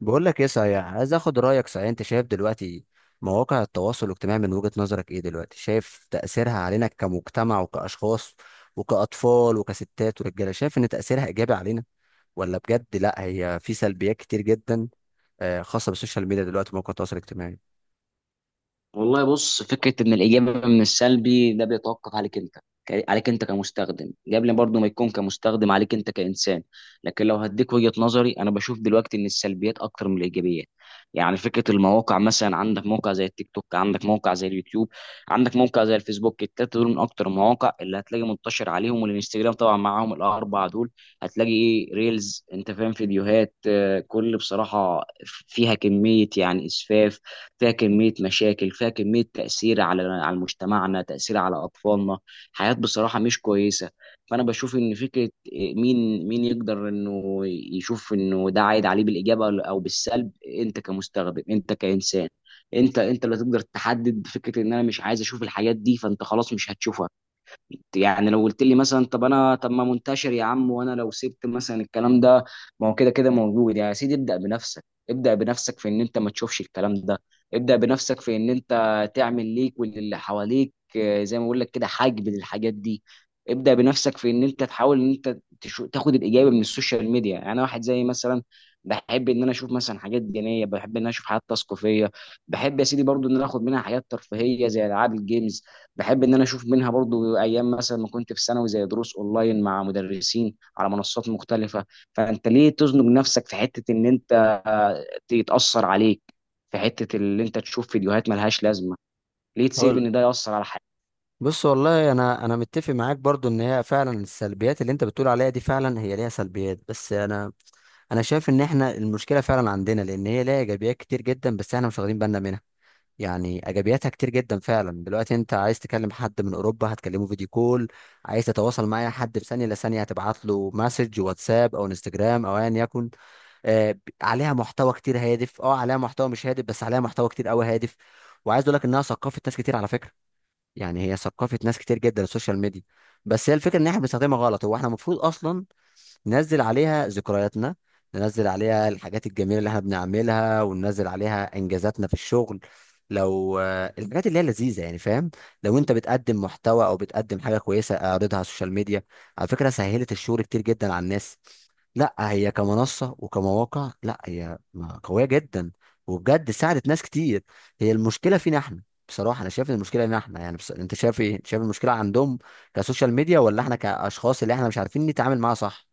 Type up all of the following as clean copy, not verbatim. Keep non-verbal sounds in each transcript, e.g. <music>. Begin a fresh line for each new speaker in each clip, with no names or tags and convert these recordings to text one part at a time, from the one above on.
بقول لك ايه؟ صحيح عايز اخد رايك. صحيح انت شايف دلوقتي مواقع التواصل الاجتماعي من وجهة نظرك ايه؟ دلوقتي شايف تاثيرها علينا كمجتمع وكاشخاص وكاطفال وكستات ورجاله، شايف ان تاثيرها ايجابي علينا ولا بجد لا هي في سلبيات كتير جدا؟ خاصه بالسوشيال ميديا دلوقتي مواقع التواصل الاجتماعي.
والله، بص، فكره ان الاجابه من السلبي ده بيتوقف عليك انت، عليك انت كمستخدم قبل برضه ما يكون كمستخدم، عليك انت كانسان. لكن لو هديك وجهه نظري، انا بشوف دلوقتي ان السلبيات اكتر من الايجابيات. يعني فكره المواقع، مثلا عندك موقع زي التيك توك، عندك موقع زي اليوتيوب، عندك موقع زي الفيسبوك. التلاته دول من اكتر المواقع اللي هتلاقي منتشر عليهم، والانستجرام طبعا معاهم، الاربعه دول هتلاقي ايه؟ ريلز، انت فاهم، فيديوهات، كل بصراحه فيها كميه يعني اسفاف، فيها كمية مشاكل، فيها كمية تأثير على مجتمعنا، تأثير على أطفالنا، حياة بصراحة مش كويسة. فأنا بشوف إن فكرة إيه، مين يقدر إنه يشوف إنه ده عايد عليه بالإجابة أو بالسلب. أنت كمستخدم، أنت كإنسان. أنت اللي تقدر تحدد فكرة إن أنا مش عايز أشوف الحاجات دي، فأنت خلاص مش هتشوفها. يعني لو قلت لي مثلا، طب ما منتشر يا عم، وانا لو سبت مثلا الكلام ده، ما هو كده كده موجود يعني. يا سيدي، ابدأ بنفسك. ابدأ بنفسك في ان انت ما تشوفش الكلام ده. ابدأ بنفسك في ان انت تعمل ليك وللي حواليك، زي ما بقول لك كده، حجب للحاجات دي. ابدأ بنفسك في ان انت تحاول ان انت تاخد الاجابه من السوشيال ميديا. يعني انا واحد زي مثلا، بحب ان انا اشوف مثلا حاجات دينيه، بحب ان انا اشوف حاجات تثقيفيه، بحب يا سيدي برضو ان انا اخد منها حاجات ترفيهيه، زي العاب الجيمز، بحب ان انا اشوف منها برضو ايام مثلا ما كنت في ثانوي، زي دروس اونلاين مع مدرسين على منصات مختلفه. فانت ليه تزنق نفسك في حته ان انت، آه، يتاثر عليك، في حته اللي انت تشوف فيديوهات ملهاش لازمه، ليه تسيب
هقول
ان ده ياثر على؟
بص، والله انا متفق معاك برضو ان هي فعلا السلبيات اللي انت بتقول عليها دي فعلا هي ليها سلبيات، بس انا شايف ان احنا المشكله فعلا عندنا، لان هي ليها ايجابيات كتير جدا بس احنا مش واخدين بالنا منها. يعني ايجابياتها كتير جدا فعلا. دلوقتي انت عايز تكلم حد من اوروبا هتكلمه فيديو كول. عايز تتواصل مع أي حد في ثانيه الا ثانيه هتبعت له مسج واتساب او انستجرام او ايا يكن. عليها محتوى كتير هادف، اه عليها محتوى مش هادف بس عليها محتوى كتير قوي هادف. وعايز اقول لك انها ثقافه ناس كتير على فكره. يعني هي ثقافه ناس كتير جدا السوشيال ميديا. بس هي الفكره ان احنا بنستخدمها غلط. هو احنا المفروض اصلا ننزل عليها ذكرياتنا، ننزل عليها الحاجات الجميلة اللي احنا بنعملها، وننزل عليها انجازاتنا في الشغل. لو الحاجات اللي هي لذيذة يعني فاهم. لو انت بتقدم محتوى او بتقدم حاجة كويسة اعرضها على السوشيال ميديا. على فكرة سهلت الشغل كتير جدا على الناس. لا هي كمنصة وكمواقع لا هي قوية جدا وبجد ساعدت ناس كتير. هي المشكلة فينا احنا بصراحة. أنا شايف إن المشكلة إن إحنا يعني بص، أنت شايف إيه؟ أنت شايف المشكلة عندهم كسوشيال ميديا ولا إحنا كأشخاص اللي إحنا مش عارفين نتعامل معاها صح؟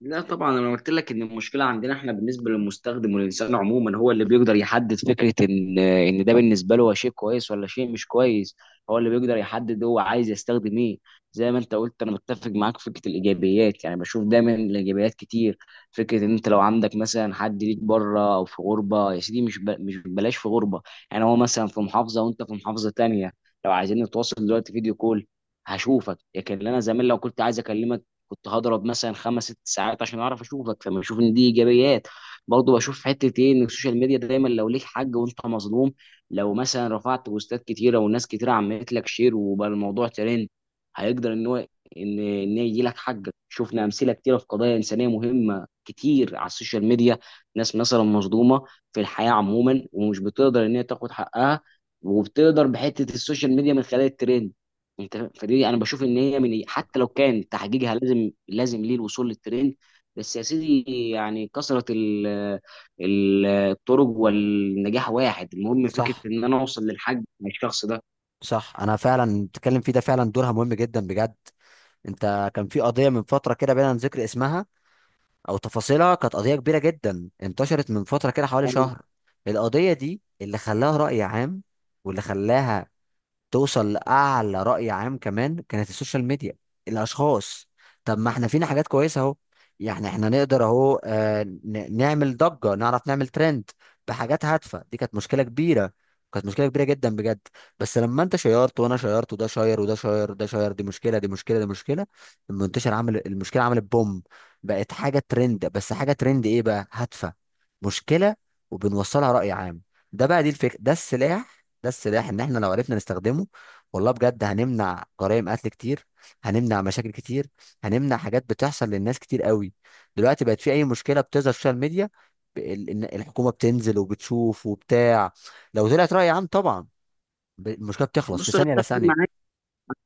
لا طبعا. انا قلت لك ان المشكله عندنا احنا، بالنسبه للمستخدم والانسان عموما، هو اللي بيقدر يحدد فكره ان ده بالنسبه له هو شيء كويس ولا شيء مش كويس. هو اللي بيقدر يحدد هو عايز يستخدم ايه. زي ما انت قلت، انا متفق معاك في فكره الايجابيات، يعني بشوف دايما الايجابيات كتير. فكره ان انت لو عندك مثلا حد ليك بره او في غربه يا سيدي، مش بلاش في غربه، يعني هو مثلا في محافظه وانت في محافظه تانية، لو عايزين نتواصل دلوقتي، فيديو كول، هشوفك. لكن انا زمان لو كنت عايز اكلمك، كنت هضرب مثلا خمس ست ساعات عشان اعرف اشوفك، فما اشوف ان دي ايجابيات. برضه بشوف حته ايه، ان السوشيال ميديا دايما، لو ليك حق وانت مظلوم، لو مثلا رفعت بوستات كتيره والناس كتيره عملت لك شير وبقى الموضوع ترند، هيقدر ان هو ان يجي لك حقك. شفنا امثله كتيره في قضايا انسانيه مهمه كتير على السوشيال ميديا، ناس مثلا مظلومه في الحياه عموما ومش بتقدر ان هي تاخد حقها، وبتقدر بحته السوشيال ميديا من خلال الترند. انت فدي انا بشوف ان هي من إيه، حتى لو كان تحقيقها لازم لازم ليه الوصول للترند. بس يا سيدي يعني كثرة الطرق، والنجاح واحد، المهم فكرة
صح.
ان انا اوصل للحج مع الشخص ده.
صح، انا فعلا بتكلم فيه ده. فعلا دورها مهم جدا بجد. انت كان في قضيه من فتره كده بينا ذكر اسمها او تفاصيلها، كانت قضيه كبيره جدا انتشرت من فتره كده حوالي شهر. القضيه دي اللي خلاها راي عام واللي خلاها توصل لأعلى رأي عام كمان كانت السوشيال ميديا، الأشخاص. طب ما احنا فينا حاجات كويسة اهو. يعني احنا نقدر اهو، نعمل ضجة، نعرف نعمل ترند بحاجات هادفة. دي كانت مشكلة كبيرة، كانت مشكلة كبيرة جدا بجد، بس لما انت شيرت وانا شيرت وده شاير وده شاير وده شاير، دي مشكلة دي مشكلة دي مشكلة، المنتشر عمل المشكلة، عملت بوم، بقت حاجة ترند. بس حاجة ترند ايه بقى؟ هادفة، مشكلة، وبنوصلها رأي عام. ده بقى، دي الفكرة، ده السلاح. ده السلاح ان احنا لو عرفنا نستخدمه والله بجد هنمنع جرائم قتل كتير، هنمنع مشاكل كتير، هنمنع حاجات بتحصل للناس كتير قوي. دلوقتي بقت في اي مشكله بتظهر في السوشيال ميديا، إن الحكومه بتنزل وبتشوف وبتاع. لو طلعت راي عام طبعا، المشكله بتخلص في
بص، انا
ثانيه
اتفق معاك.
لثانيه.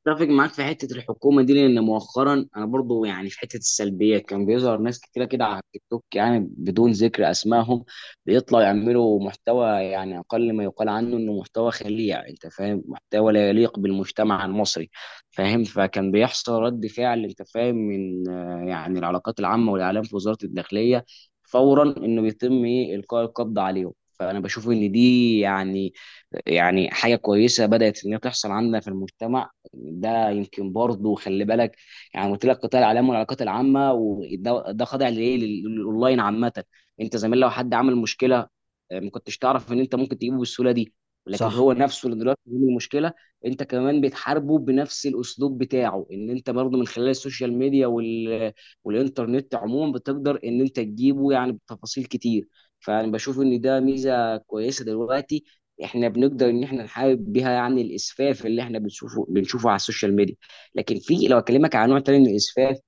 اتفق معاك في حته الحكومه دي، لان مؤخرا انا برضو يعني في حته السلبيات، كان بيظهر ناس كتيره كده على التيك توك، يعني بدون ذكر اسمائهم، بيطلعوا يعملوا محتوى، يعني اقل ما يقال عنه انه محتوى خليع، انت فاهم، محتوى لا يليق بالمجتمع المصري. فاهم. فكان بيحصل رد فعل، انت فاهم، من يعني العلاقات العامه والاعلام في وزاره الداخليه، فورا انه بيتم ايه القاء القبض عليهم. فانا بشوف ان دي يعني يعني حاجه كويسه بدات ان هي تحصل عندنا في المجتمع. ده يمكن برضه، خلي بالك، يعني قلت لك قطاع الاعلام والعلاقات العامه، وده خاضع لايه، للاونلاين عامه. انت زمان لو حد عمل مشكله، ما كنتش تعرف ان انت ممكن تجيبه بالسهوله دي. لكن
صح.
هو نفسه اللي دلوقتي بيعمل المشكله، انت كمان بتحاربه بنفس الاسلوب بتاعه، ان انت برضه من خلال السوشيال ميديا والانترنت عموما، بتقدر ان انت تجيبه يعني بتفاصيل كتير. فانا بشوف ان ده ميزه كويسه دلوقتي، احنا بنقدر ان احنا نحارب بيها، يعني الاسفاف اللي احنا بنشوفه على السوشيال ميديا. لكن في، لو اكلمك عن نوع تاني من الاسفاف،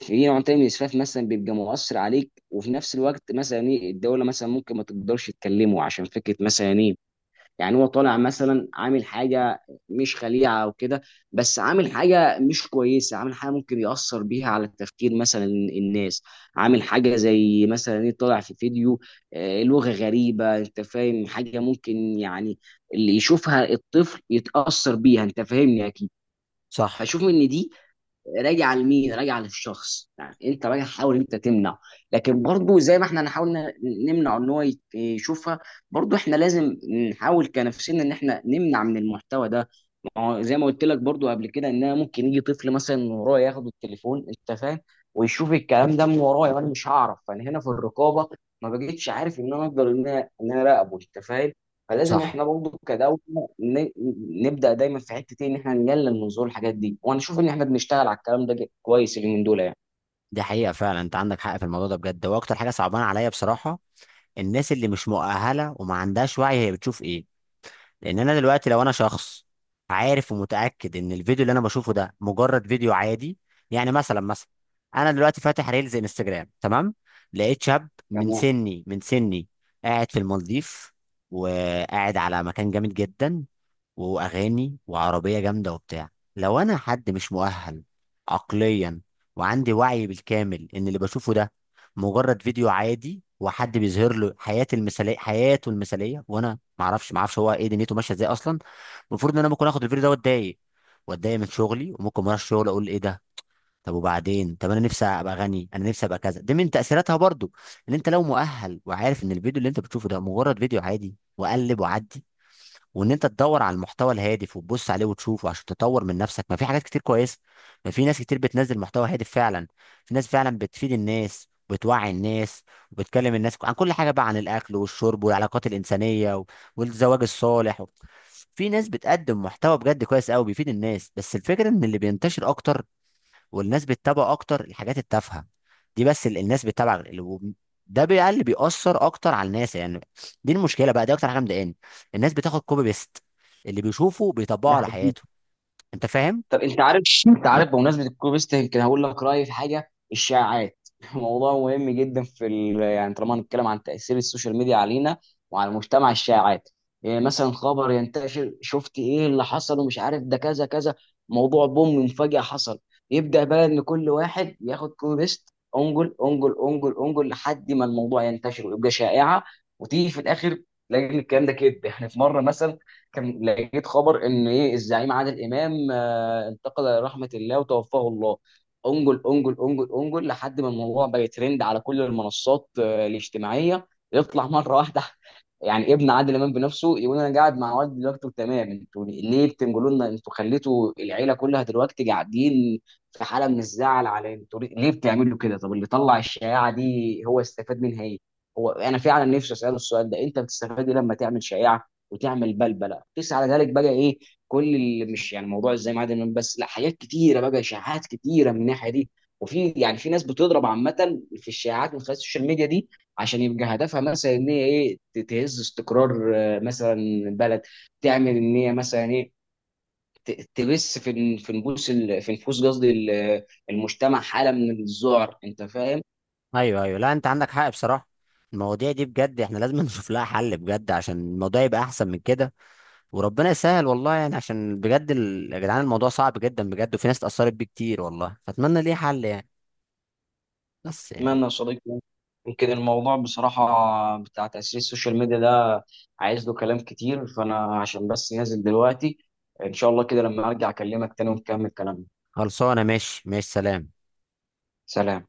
في نوع تاني من الاسفاف مثلا بيبقى مؤثر عليك، وفي نفس الوقت مثلا ايه، الدوله مثلا ممكن ما تقدرش تكلمه عشان فكره مثلا ايه، يعني هو طالع مثلا عامل حاجه مش خليعه او كده، بس عامل حاجه مش كويسه، عامل حاجه ممكن ياثر بيها على تفكير مثلا الناس. عامل حاجه زي مثلا ايه، طالع في فيديو، لغه غريبه، انت فاهم، حاجه ممكن يعني اللي يشوفها الطفل يتاثر بيها. انت فاهمني اكيد.
صح.
فشوف ان دي، راجع لمين؟ راجع للشخص. يعني انت راجع حاول انت تمنع، لكن برضو زي ما احنا نحاول نمنع ان هو يشوفها، برضو احنا لازم نحاول كنفسنا ان احنا نمنع من المحتوى ده. ما هو زي ما قلت لك برضو قبل كده، ان انا ممكن يجي طفل مثلا من ورايا ياخد التليفون، انت فاهم، ويشوف الكلام ده من ورايا وانا مش هعرف. فانا هنا في الرقابه ما بقتش عارف ان انا اقدر ان انا اراقبه، انت فاهم. فلازم
صح،
احنا برضه كدولة ن- نبدأ دايما في حتة ايه، ان احنا نقلل من ظهور الحاجات دي، وانا اشوف ان احنا بنشتغل على الكلام ده كويس اليومين دول يعني.
دي حقيقه فعلا، انت عندك حق في الموضوع ده بجد. واكتر حاجه صعبانه عليا بصراحه الناس اللي مش مؤهله وما عندهاش وعي هي بتشوف ايه. لان انا دلوقتي لو انا شخص عارف ومتاكد ان الفيديو اللي انا بشوفه ده مجرد فيديو عادي. يعني مثلا، مثلا انا دلوقتي فاتح ريلز انستجرام تمام، لقيت شاب
يعني
من سني، من سني، قاعد في المالديف وقاعد على مكان جامد جدا، واغاني وعربيه جامده وبتاع. لو انا حد مش مؤهل عقليا وعندي وعي بالكامل ان اللي بشوفه ده مجرد فيديو عادي وحد بيظهر له حياه المثاليه، حياته المثاليه، وانا ما اعرفش هو ايه دنيته ماشيه ازاي اصلا، المفروض ان انا ممكن اخد الفيديو ده واتضايق من شغلي وممكن ما اروحش الشغل، اقول ايه ده؟ طب وبعدين، طب انا نفسي ابقى غني، انا نفسي ابقى كذا. دي من تاثيراتها برضو. ان انت لو مؤهل وعارف ان الفيديو اللي انت بتشوفه ده مجرد فيديو عادي وقلب وعدي، وان انت تدور على المحتوى الهادف وتبص عليه وتشوفه عشان تطور من نفسك، ما في حاجات كتير كويسه، ما في ناس كتير بتنزل محتوى هادف فعلا. في ناس فعلا بتفيد الناس وبتوعي الناس وبتكلم الناس عن كل حاجه بقى، عن الاكل والشرب والعلاقات الانسانيه والزواج الصالح. في ناس بتقدم محتوى بجد كويس قوي بيفيد الناس. بس الفكره ان اللي بينتشر اكتر والناس بتتابع اكتر الحاجات التافهه دي. بس الناس بتتابع ده بقى اللي بيأثر اكتر على الناس يعني. دي المشكله بقى، دي اكتر حاجه مضايقاني. الناس بتاخد كوبي بيست، اللي بيشوفه بيطبقه على حياته،
ده،
انت فاهم.
طب انت عارف، انت عارف بمناسبه الكوبيست يمكن هقول لك رايي في حاجه، الشائعات. <laughs> موضوع مهم جدا في يعني طالما هنتكلم عن تاثير السوشيال ميديا علينا وعلى المجتمع، الشائعات. يعني مثلا خبر ينتشر، شفت ايه اللي حصل ومش عارف ده، كذا كذا، موضوع بوم، مفاجاه حصل. يبدا بقى ان كل واحد ياخد كوبيست، انجل انجل انجل انجل، لحد ما الموضوع ينتشر ويبقى شائعه. وتيجي في الاخر تلاقي إن الكلام ده كده. <laughs> احنا في مره مثلا كان لقيت خبر ان ايه، الزعيم عادل امام انتقل الى رحمه الله وتوفاه الله. انجل انجل انجل انجل، لحد ما الموضوع بقى ترند على كل المنصات الاجتماعيه. يطلع مره واحده، <laughs> يعني ابن عادل امام بنفسه، يقول انا قاعد مع والدي دلوقتي وتمام، انتوا ليه بتنجلوا لنا؟ انتوا خليتوا العيله كلها دلوقتي قاعدين في حاله من الزعل. على انتوا ليه ليه بتعملوا كده؟ طب اللي طلع الشائعه دي هو استفاد منها ايه؟ هو انا فعلا نفسي اساله السؤال ده، انت بتستفاد ايه لما تعمل شائعه وتعمل بلبله؟ قيس على ذلك بقى ايه، كل اللي مش يعني موضوع ازاي معدن النوم بس، لا حاجات كتيره بقى، اشاعات كتيره من الناحيه دي. وفي يعني في ناس بتضرب عامه في الشائعات من خلال السوشيال ميديا دي، عشان يبقى هدفها مثلا ان هي ايه، تهز استقرار مثلا بلد، تعمل ان هي مثلا ايه، تبث في في نفوس في نفوس قصدي المجتمع حاله من الذعر، انت فاهم.
ايوه ايوه، لا انت عندك حق بصراحه. المواضيع دي بجد احنا لازم <laughs> نشوف لها حل بجد عشان الموضوع يبقى احسن من كده. وربنا يسهل والله، يعني عشان بجد يا جدعان الموضوع صعب جدا بجد، وفي ناس اتأثرت بيه كتير والله، فاتمنى ليه حل يعني. بس يعني
أتمنى يا صديقي يعني. يمكن الموضوع بصراحة بتاع تأثير السوشيال ميديا ده عايز له كلام كتير، فأنا عشان بس نازل دلوقتي، إن شاء الله كده لما أرجع أكلمك تاني ونكمل كلامنا.
خلصانه، ماشي ماشي، سلام.
سلام.